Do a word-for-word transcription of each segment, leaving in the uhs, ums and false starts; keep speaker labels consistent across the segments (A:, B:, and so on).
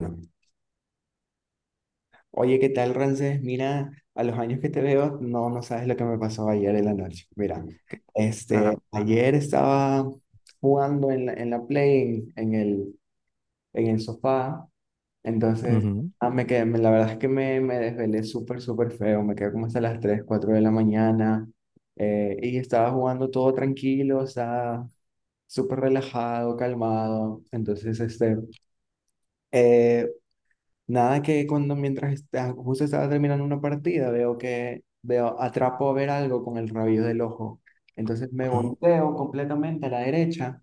A: No. Oye, ¿qué tal, Ramses? Mira, a los años que te veo, no, no sabes lo que me pasó ayer en la noche. Mira,
B: ¿Qué? Ajá.
A: este, ayer estaba jugando en la, en la Play, en, en el, en el sofá. Entonces
B: Ujú.
A: ah, me quedé, me- la verdad es que me, me desvelé súper, súper feo. Me quedé como hasta las tres, cuatro de la mañana, eh, y estaba jugando todo tranquilo, o sea, súper relajado, calmado. Entonces este... Eh, nada que cuando mientras está- justo estaba terminando una partida, veo que veo, atrapo a ver algo con el rabillo del ojo. Entonces me
B: Ajá.
A: volteo completamente a la derecha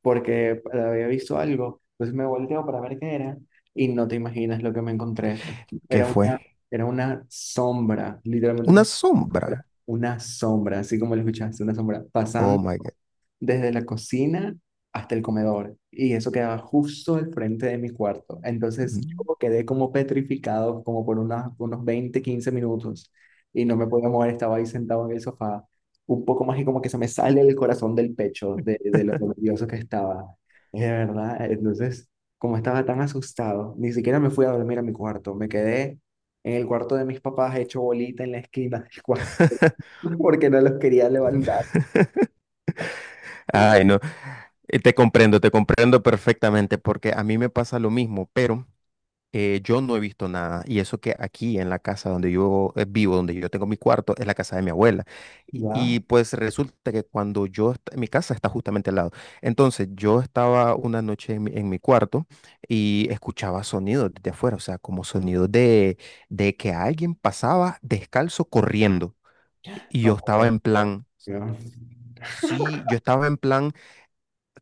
A: porque había visto algo. Entonces me volteo para ver qué era y no te imaginas lo que me encontré.
B: ¿Qué
A: Era una,
B: fue?
A: era una sombra, literalmente
B: Una
A: una
B: sombra.
A: sombra, una sombra, así como lo escuchaste, una sombra
B: Oh
A: pasando
B: my God.
A: desde la cocina hasta el comedor, y eso quedaba justo al frente de mi cuarto. Entonces
B: Ujú.
A: yo quedé como petrificado como por unas- unos veinte quince minutos, y no me podía mover, estaba ahí sentado en el sofá. Un poco más y como que se me sale el corazón del pecho, de, de lo nervioso que estaba. Es de verdad. Entonces como estaba tan asustado, ni siquiera me fui a dormir a mi cuarto, me quedé en el cuarto de mis papás hecho bolita en la esquina del cuarto porque no los quería levantar.
B: Ay, no, eh, te comprendo, te comprendo perfectamente porque a mí me pasa lo mismo, pero Eh, yo no he visto nada, y eso que aquí en la casa donde yo eh, vivo, donde yo tengo mi cuarto, es la casa de mi abuela. Y,
A: ¿Ya?
B: y, pues resulta que cuando yo, est- mi casa está justamente al lado. Entonces yo estaba una noche en mi, en mi cuarto y escuchaba sonidos desde afuera, o sea, como sonidos de, de que alguien pasaba descalzo corriendo. Y yo
A: No
B: estaba
A: puede
B: en plan,
A: ser, No,
B: sí, yo estaba en plan,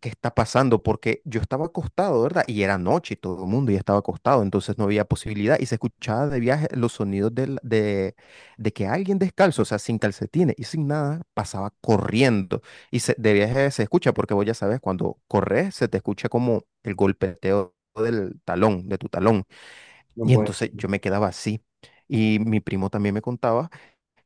B: ¿qué está pasando? Porque yo estaba acostado, ¿verdad? Y era noche y todo el mundo ya estaba acostado, entonces no había posibilidad y se escuchaba de viaje los sonidos del- de, de que alguien descalzo, o sea, sin calcetines y sin nada, pasaba corriendo. Y se- de viaje se escucha porque vos ya sabes, cuando corres se te escucha como el golpeteo del talón, de tu talón.
A: no
B: Y
A: puede.
B: entonces yo me quedaba así. Y mi primo también me contaba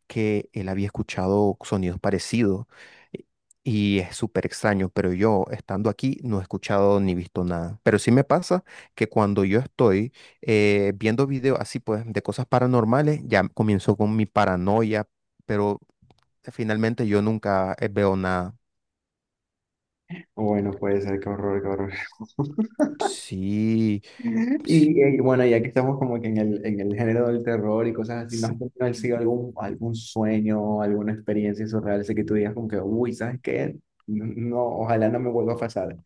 B: que él había escuchado sonidos parecidos eh, y es súper extraño, pero yo estando aquí no he escuchado ni visto nada. Pero sí me pasa que cuando yo estoy eh, viendo videos así pues de cosas paranormales, ya comienzo con mi paranoia, pero finalmente yo nunca eh, veo nada.
A: Bueno, puede ser, qué horror, qué horror.
B: Sí, sí,
A: Y, eh, bueno, ya que estamos como que en el, en el género del terror y cosas así, ¿no has
B: sí.
A: tenido así algún, algún sueño, alguna experiencia surreal, así que tú digas como que, uy, ¿sabes qué? No, no, ojalá no me vuelva a pasar.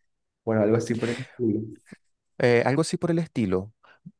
A: Bueno, algo así por el estilo.
B: Eh, algo así por el estilo.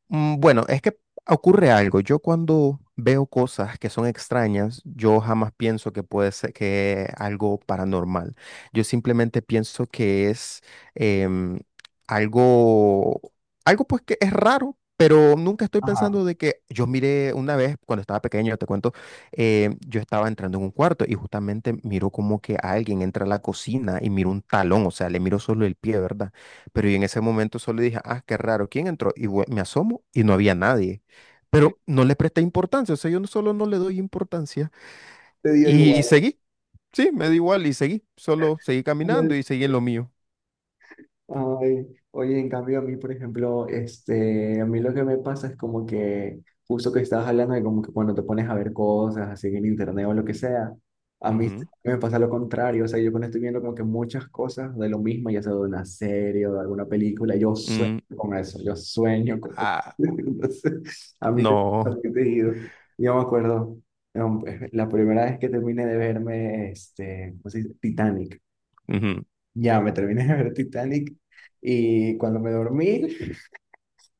B: Mm, Bueno, es que ocurre algo. Yo cuando veo cosas que son extrañas, yo jamás pienso que puede ser que algo paranormal. Yo simplemente pienso que es em, algo, algo pues que es raro, pero nunca estoy
A: Ajá.
B: pensando de que yo miré una vez cuando estaba pequeño, te cuento, eh, yo estaba entrando en un cuarto y justamente miro como que alguien entra a la cocina y miro un talón, o sea, le miro solo el pie, ¿verdad? Pero y en ese momento solo dije, ah, qué raro, ¿quién entró? Y vue- me asomo y no había nadie. Pero no le presté importancia, o sea, yo no- solo no le doy importancia.
A: Te dio
B: Y,
A: igual.
B: seguí, sí, me da igual y seguí, solo seguí caminando y seguí en lo mío.
A: Ay, oye, en cambio a mí, por ejemplo, este, a mí lo que me pasa es como que justo que estabas hablando de como que cuando te pones a ver cosas así en internet o lo que sea, a mí s-
B: Ujú,
A: me pasa lo contrario, o sea, yo cuando estoy viendo como que muchas cosas de lo mismo, ya sea de una serie o de alguna película, yo sueño
B: mm,
A: con eso, yo sueño con eso.
B: ah,
A: Entonces, a mí se
B: no.
A: me ha digo, yo me acuerdo, em, la primera vez que terminé de verme, este, ¿cómo se dice? Titanic.
B: ujú,
A: Ya, me terminé de ver Titanic y cuando me dormí,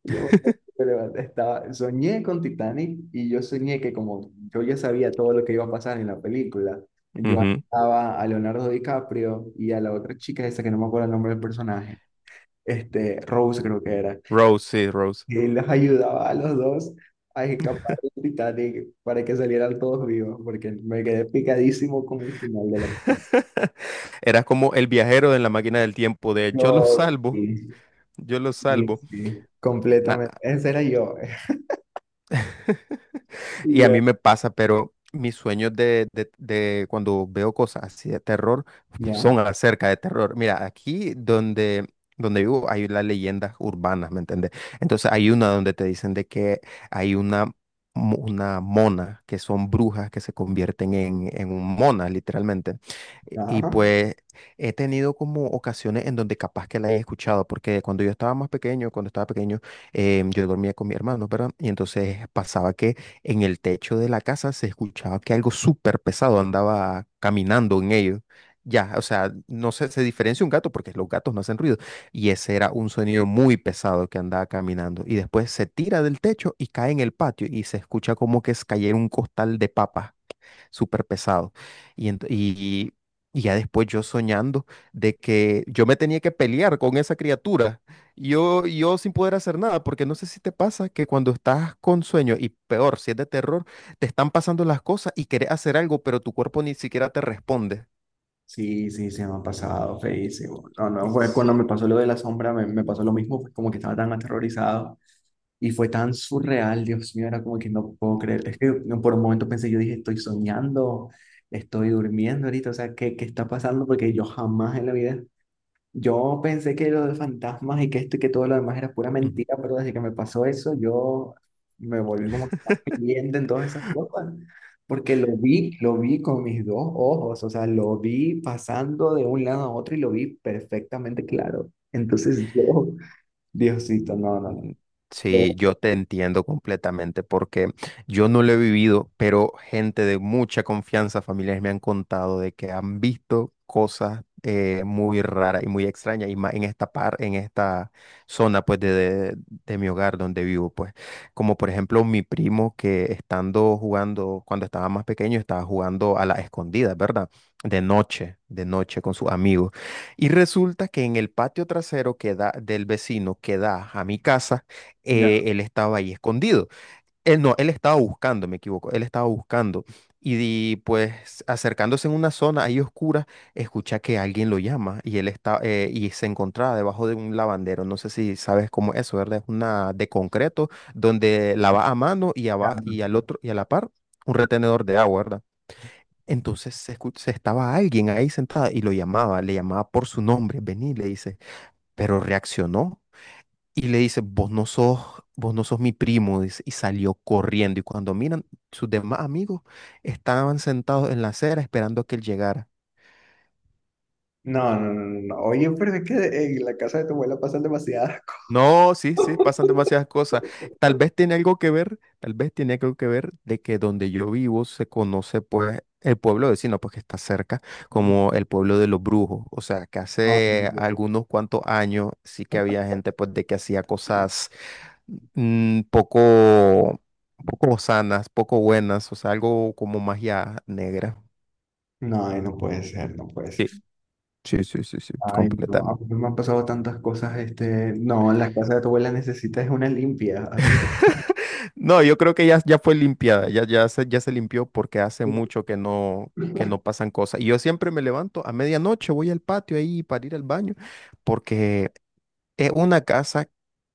A: yo me levanté, estaba, soñé con Titanic, y yo soñé que como yo ya sabía todo lo que iba a pasar en la película, yo
B: ujú.
A: estaba a Leonardo DiCaprio y a la otra chica esa que no me acuerdo el nombre del personaje, este, Rose creo que era,
B: Rose, sí, Rose.
A: y los ayudaba a los dos a escapar del Titanic para que salieran todos vivos, porque me quedé picadísimo con el final de la película.
B: Era como el viajero de la máquina del tiempo de yo lo
A: Yo,
B: salvo,
A: sí.
B: yo lo
A: Sí,
B: salvo.
A: sí,
B: Nah.
A: completamente. Ese era yo. Y
B: Y a
A: yo,
B: mí me pasa, pero mis sueños de, de- de cuando veo cosas así de terror
A: ya,
B: son acerca de terror. Mira, aquí donde, donde vivo hay las leyendas urbanas, ¿me entiendes? Entonces hay una donde te dicen de que hay una, mo- una mona, que son brujas que se convierten en, en un mona, literalmente. Y y
A: ajá.
B: pues he tenido como ocasiones en donde capaz que la he escuchado, porque cuando yo estaba más pequeño, cuando estaba pequeño, em, yo dormía con mi hermano, ¿verdad? Y entonces pasaba que en el techo de la casa se escuchaba que algo súper pesado andaba caminando en ellos. Ya, o sea, no sé, se diferencia un gato porque los gatos no hacen ruido. Y ese era un sonido muy pesado que andaba caminando. Y después se tira del techo y cae en el patio y se escucha como que es cayera un costal de papas súper pesado. Y, ent- y, y ya después yo soñando de que yo me tenía que pelear con esa criatura, yo, yo sin poder hacer nada, porque no sé si te pasa que cuando estás con sueño, y peor, si es de terror, te están pasando las cosas y querés hacer algo, pero tu cuerpo ni siquiera te responde.
A: Sí, sí, se me ha pasado feísimo. No, no, fue
B: Es-
A: cuando me pasó lo de la sombra, me, me pasó lo mismo, fue como que estaba tan aterrorizado y fue tan surreal, Dios mío, era como que no puedo creer. Es que no, por un momento pensé, yo dije, estoy soñando, estoy durmiendo ahorita, o sea, ¿qué, qué está pasando? Porque yo jamás en la vida, yo pensé que lo de fantasmas y que esto y que todo lo demás era pura mentira, pero desde que me pasó eso, yo me volví como que más creyente en todas esas cosas, porque lo vi, lo vi con mis dos ojos, o sea, lo vi pasando de un lado a otro y lo vi perfectamente claro. Entonces yo, Diosito, no, no, no.
B: Ujú.
A: yo-
B: Sí, yo te entiendo completamente porque yo no lo he vivido, pero gente de mucha confianza, familiares me han contado de que han visto cosas eh, muy raras y muy extrañas y más en esta par, en esta zona pues de, de- de mi hogar donde vivo pues, como por ejemplo mi primo que estando jugando cuando estaba más pequeño estaba jugando a la escondida, ¿verdad? De noche, de noche con sus amigos y resulta que en el patio trasero que da, del vecino que da a mi casa,
A: ya,
B: eh, él estaba ahí escondido. Él no, él estaba buscando, me equivoco, él estaba buscando. Y, di- pues acercándose en una zona ahí oscura, escucha que alguien lo llama y él está eh, y se encontraba debajo de un lavandero. No sé si sabes cómo es eso, ¿verdad? Es una de concreto donde lava a mano y,
A: ya,
B: aba- y al otro y a la par un retenedor de agua, ¿verdad? Entonces se, escu- se estaba alguien ahí sentada y lo llamaba, le llamaba por su nombre, vení, le dice, pero reaccionó y le dice, vos no sos, vos no sos mi primo, dice, y salió corriendo. Y cuando miran, sus demás amigos estaban sentados en la acera esperando a que él llegara.
A: no, no, no, no, no, no. Oye, pero es que en la casa de tu abuela pasan demasiadas cosas.
B: No, sí, sí, pasan demasiadas cosas. Tal vez tiene algo que ver, tal vez tiene algo que ver de que donde yo vivo se conoce pues el pueblo vecino, pues que está cerca, como el pueblo de los brujos. O sea, que
A: No,
B: hace algunos cuantos años sí que había gente pues de que hacía cosas mm, poco, poco sanas, poco buenas, o sea, algo como magia negra.
A: no, no puede ser, no puede ser.
B: Sí, sí, sí, sí, sí,
A: Ay, no, a
B: completamente.
A: mí me han pasado tantas cosas, este, no, la casa de tu abuela necesita es una limpia, así.
B: No, yo creo que ya, ya fue limpiada, ya, ya se, ya se limpió porque hace mucho que no, que no pasan cosas. Y yo siempre me levanto a medianoche, voy al patio ahí para ir al baño, porque es una casa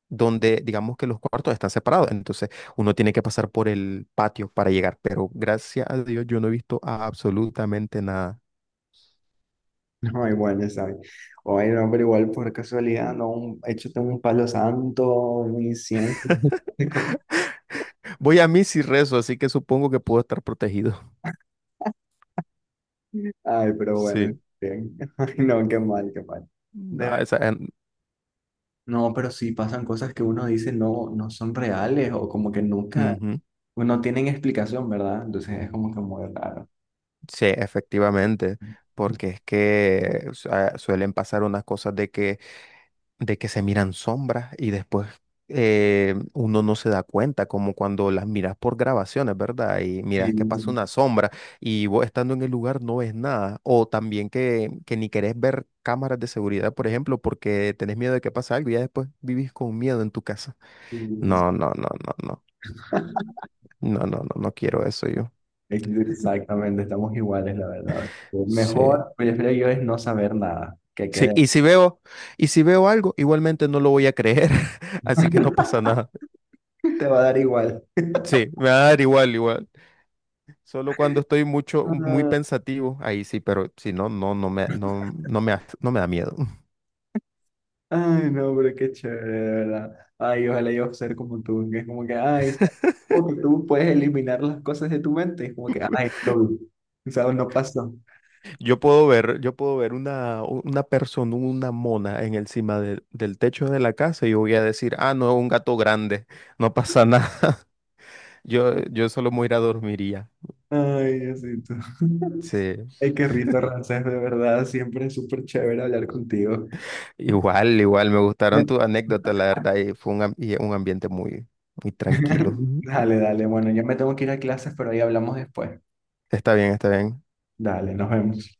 B: donde digamos que los cuartos están separados, entonces uno tiene que pasar por el patio para llegar, pero gracias a Dios yo no he visto absolutamente nada.
A: No hay buena, ¿sabes? Oye, no, pero igual por casualidad, no, un, échate un palo santo, un incienso, de cosas.
B: Voy a misa y rezo, así que supongo que puedo estar protegido.
A: Ay, pero bueno,
B: Sí.
A: bien. Ay, no, qué mal, qué mal. De
B: Ah,
A: ver-
B: esa, en-
A: No, pero sí pasan cosas que uno dice no, no son reales, o como que nunca,
B: ujú.
A: no tienen explicación, ¿verdad? Entonces es como que muy raro.
B: Sí, efectivamente, porque es que su- ah, suelen pasar unas cosas de que, de que se miran sombras y después eh, uno no se da cuenta, como cuando las miras por grabaciones, ¿verdad? Y
A: Sí,
B: miras que pasa una sombra y vos estando en el lugar no ves nada, o también que, que ni querés ver cámaras de seguridad, por ejemplo, porque tenés miedo de que pase algo y ya después vivís con miedo en tu casa.
A: sí.
B: No, no, no, no, no, no, no, no, no quiero eso yo.
A: Exactamente, estamos iguales, la verdad. O
B: Sí.
A: mejor, prefiero yo es no saber nada, que
B: Sí,
A: quede.
B: y si veo, y si veo algo, igualmente no lo voy a creer, así que no pasa nada.
A: Te va a dar igual.
B: Sí, me va a dar igual, igual. Solo cuando estoy mucho, muy
A: Ah,
B: pensativo, ahí sí, pero si no, no, no me, no, no me, hace- no me da miedo.
A: ay, no, pero qué chévere, de verdad. Ay, ojalá yo ser como tú, que es como que, ay, como que tú puedes eliminar las cosas de tu mente, es como que, ay, no, ¿sabes? No pasó.
B: Yo puedo ver, yo puedo ver una, una persona, una mona en encima de- del techo de la casa y yo voy a decir, ah, no, un gato grande, no pasa nada. Yo, yo solo me voy a ir a dormir y ya.
A: Ay, Diosito.
B: Sí.
A: Ay, qué rito, Ramsés, de verdad, siempre es súper chévere hablar contigo.
B: Igual, igual, me gustaron
A: Me-
B: tus anécdotas, la verdad, y fue un, am- y un ambiente muy, muy tranquilo.
A: Dale, dale, bueno, yo me tengo que ir a clases, pero ahí hablamos después.
B: Está bien, está bien.
A: Dale, nos vemos.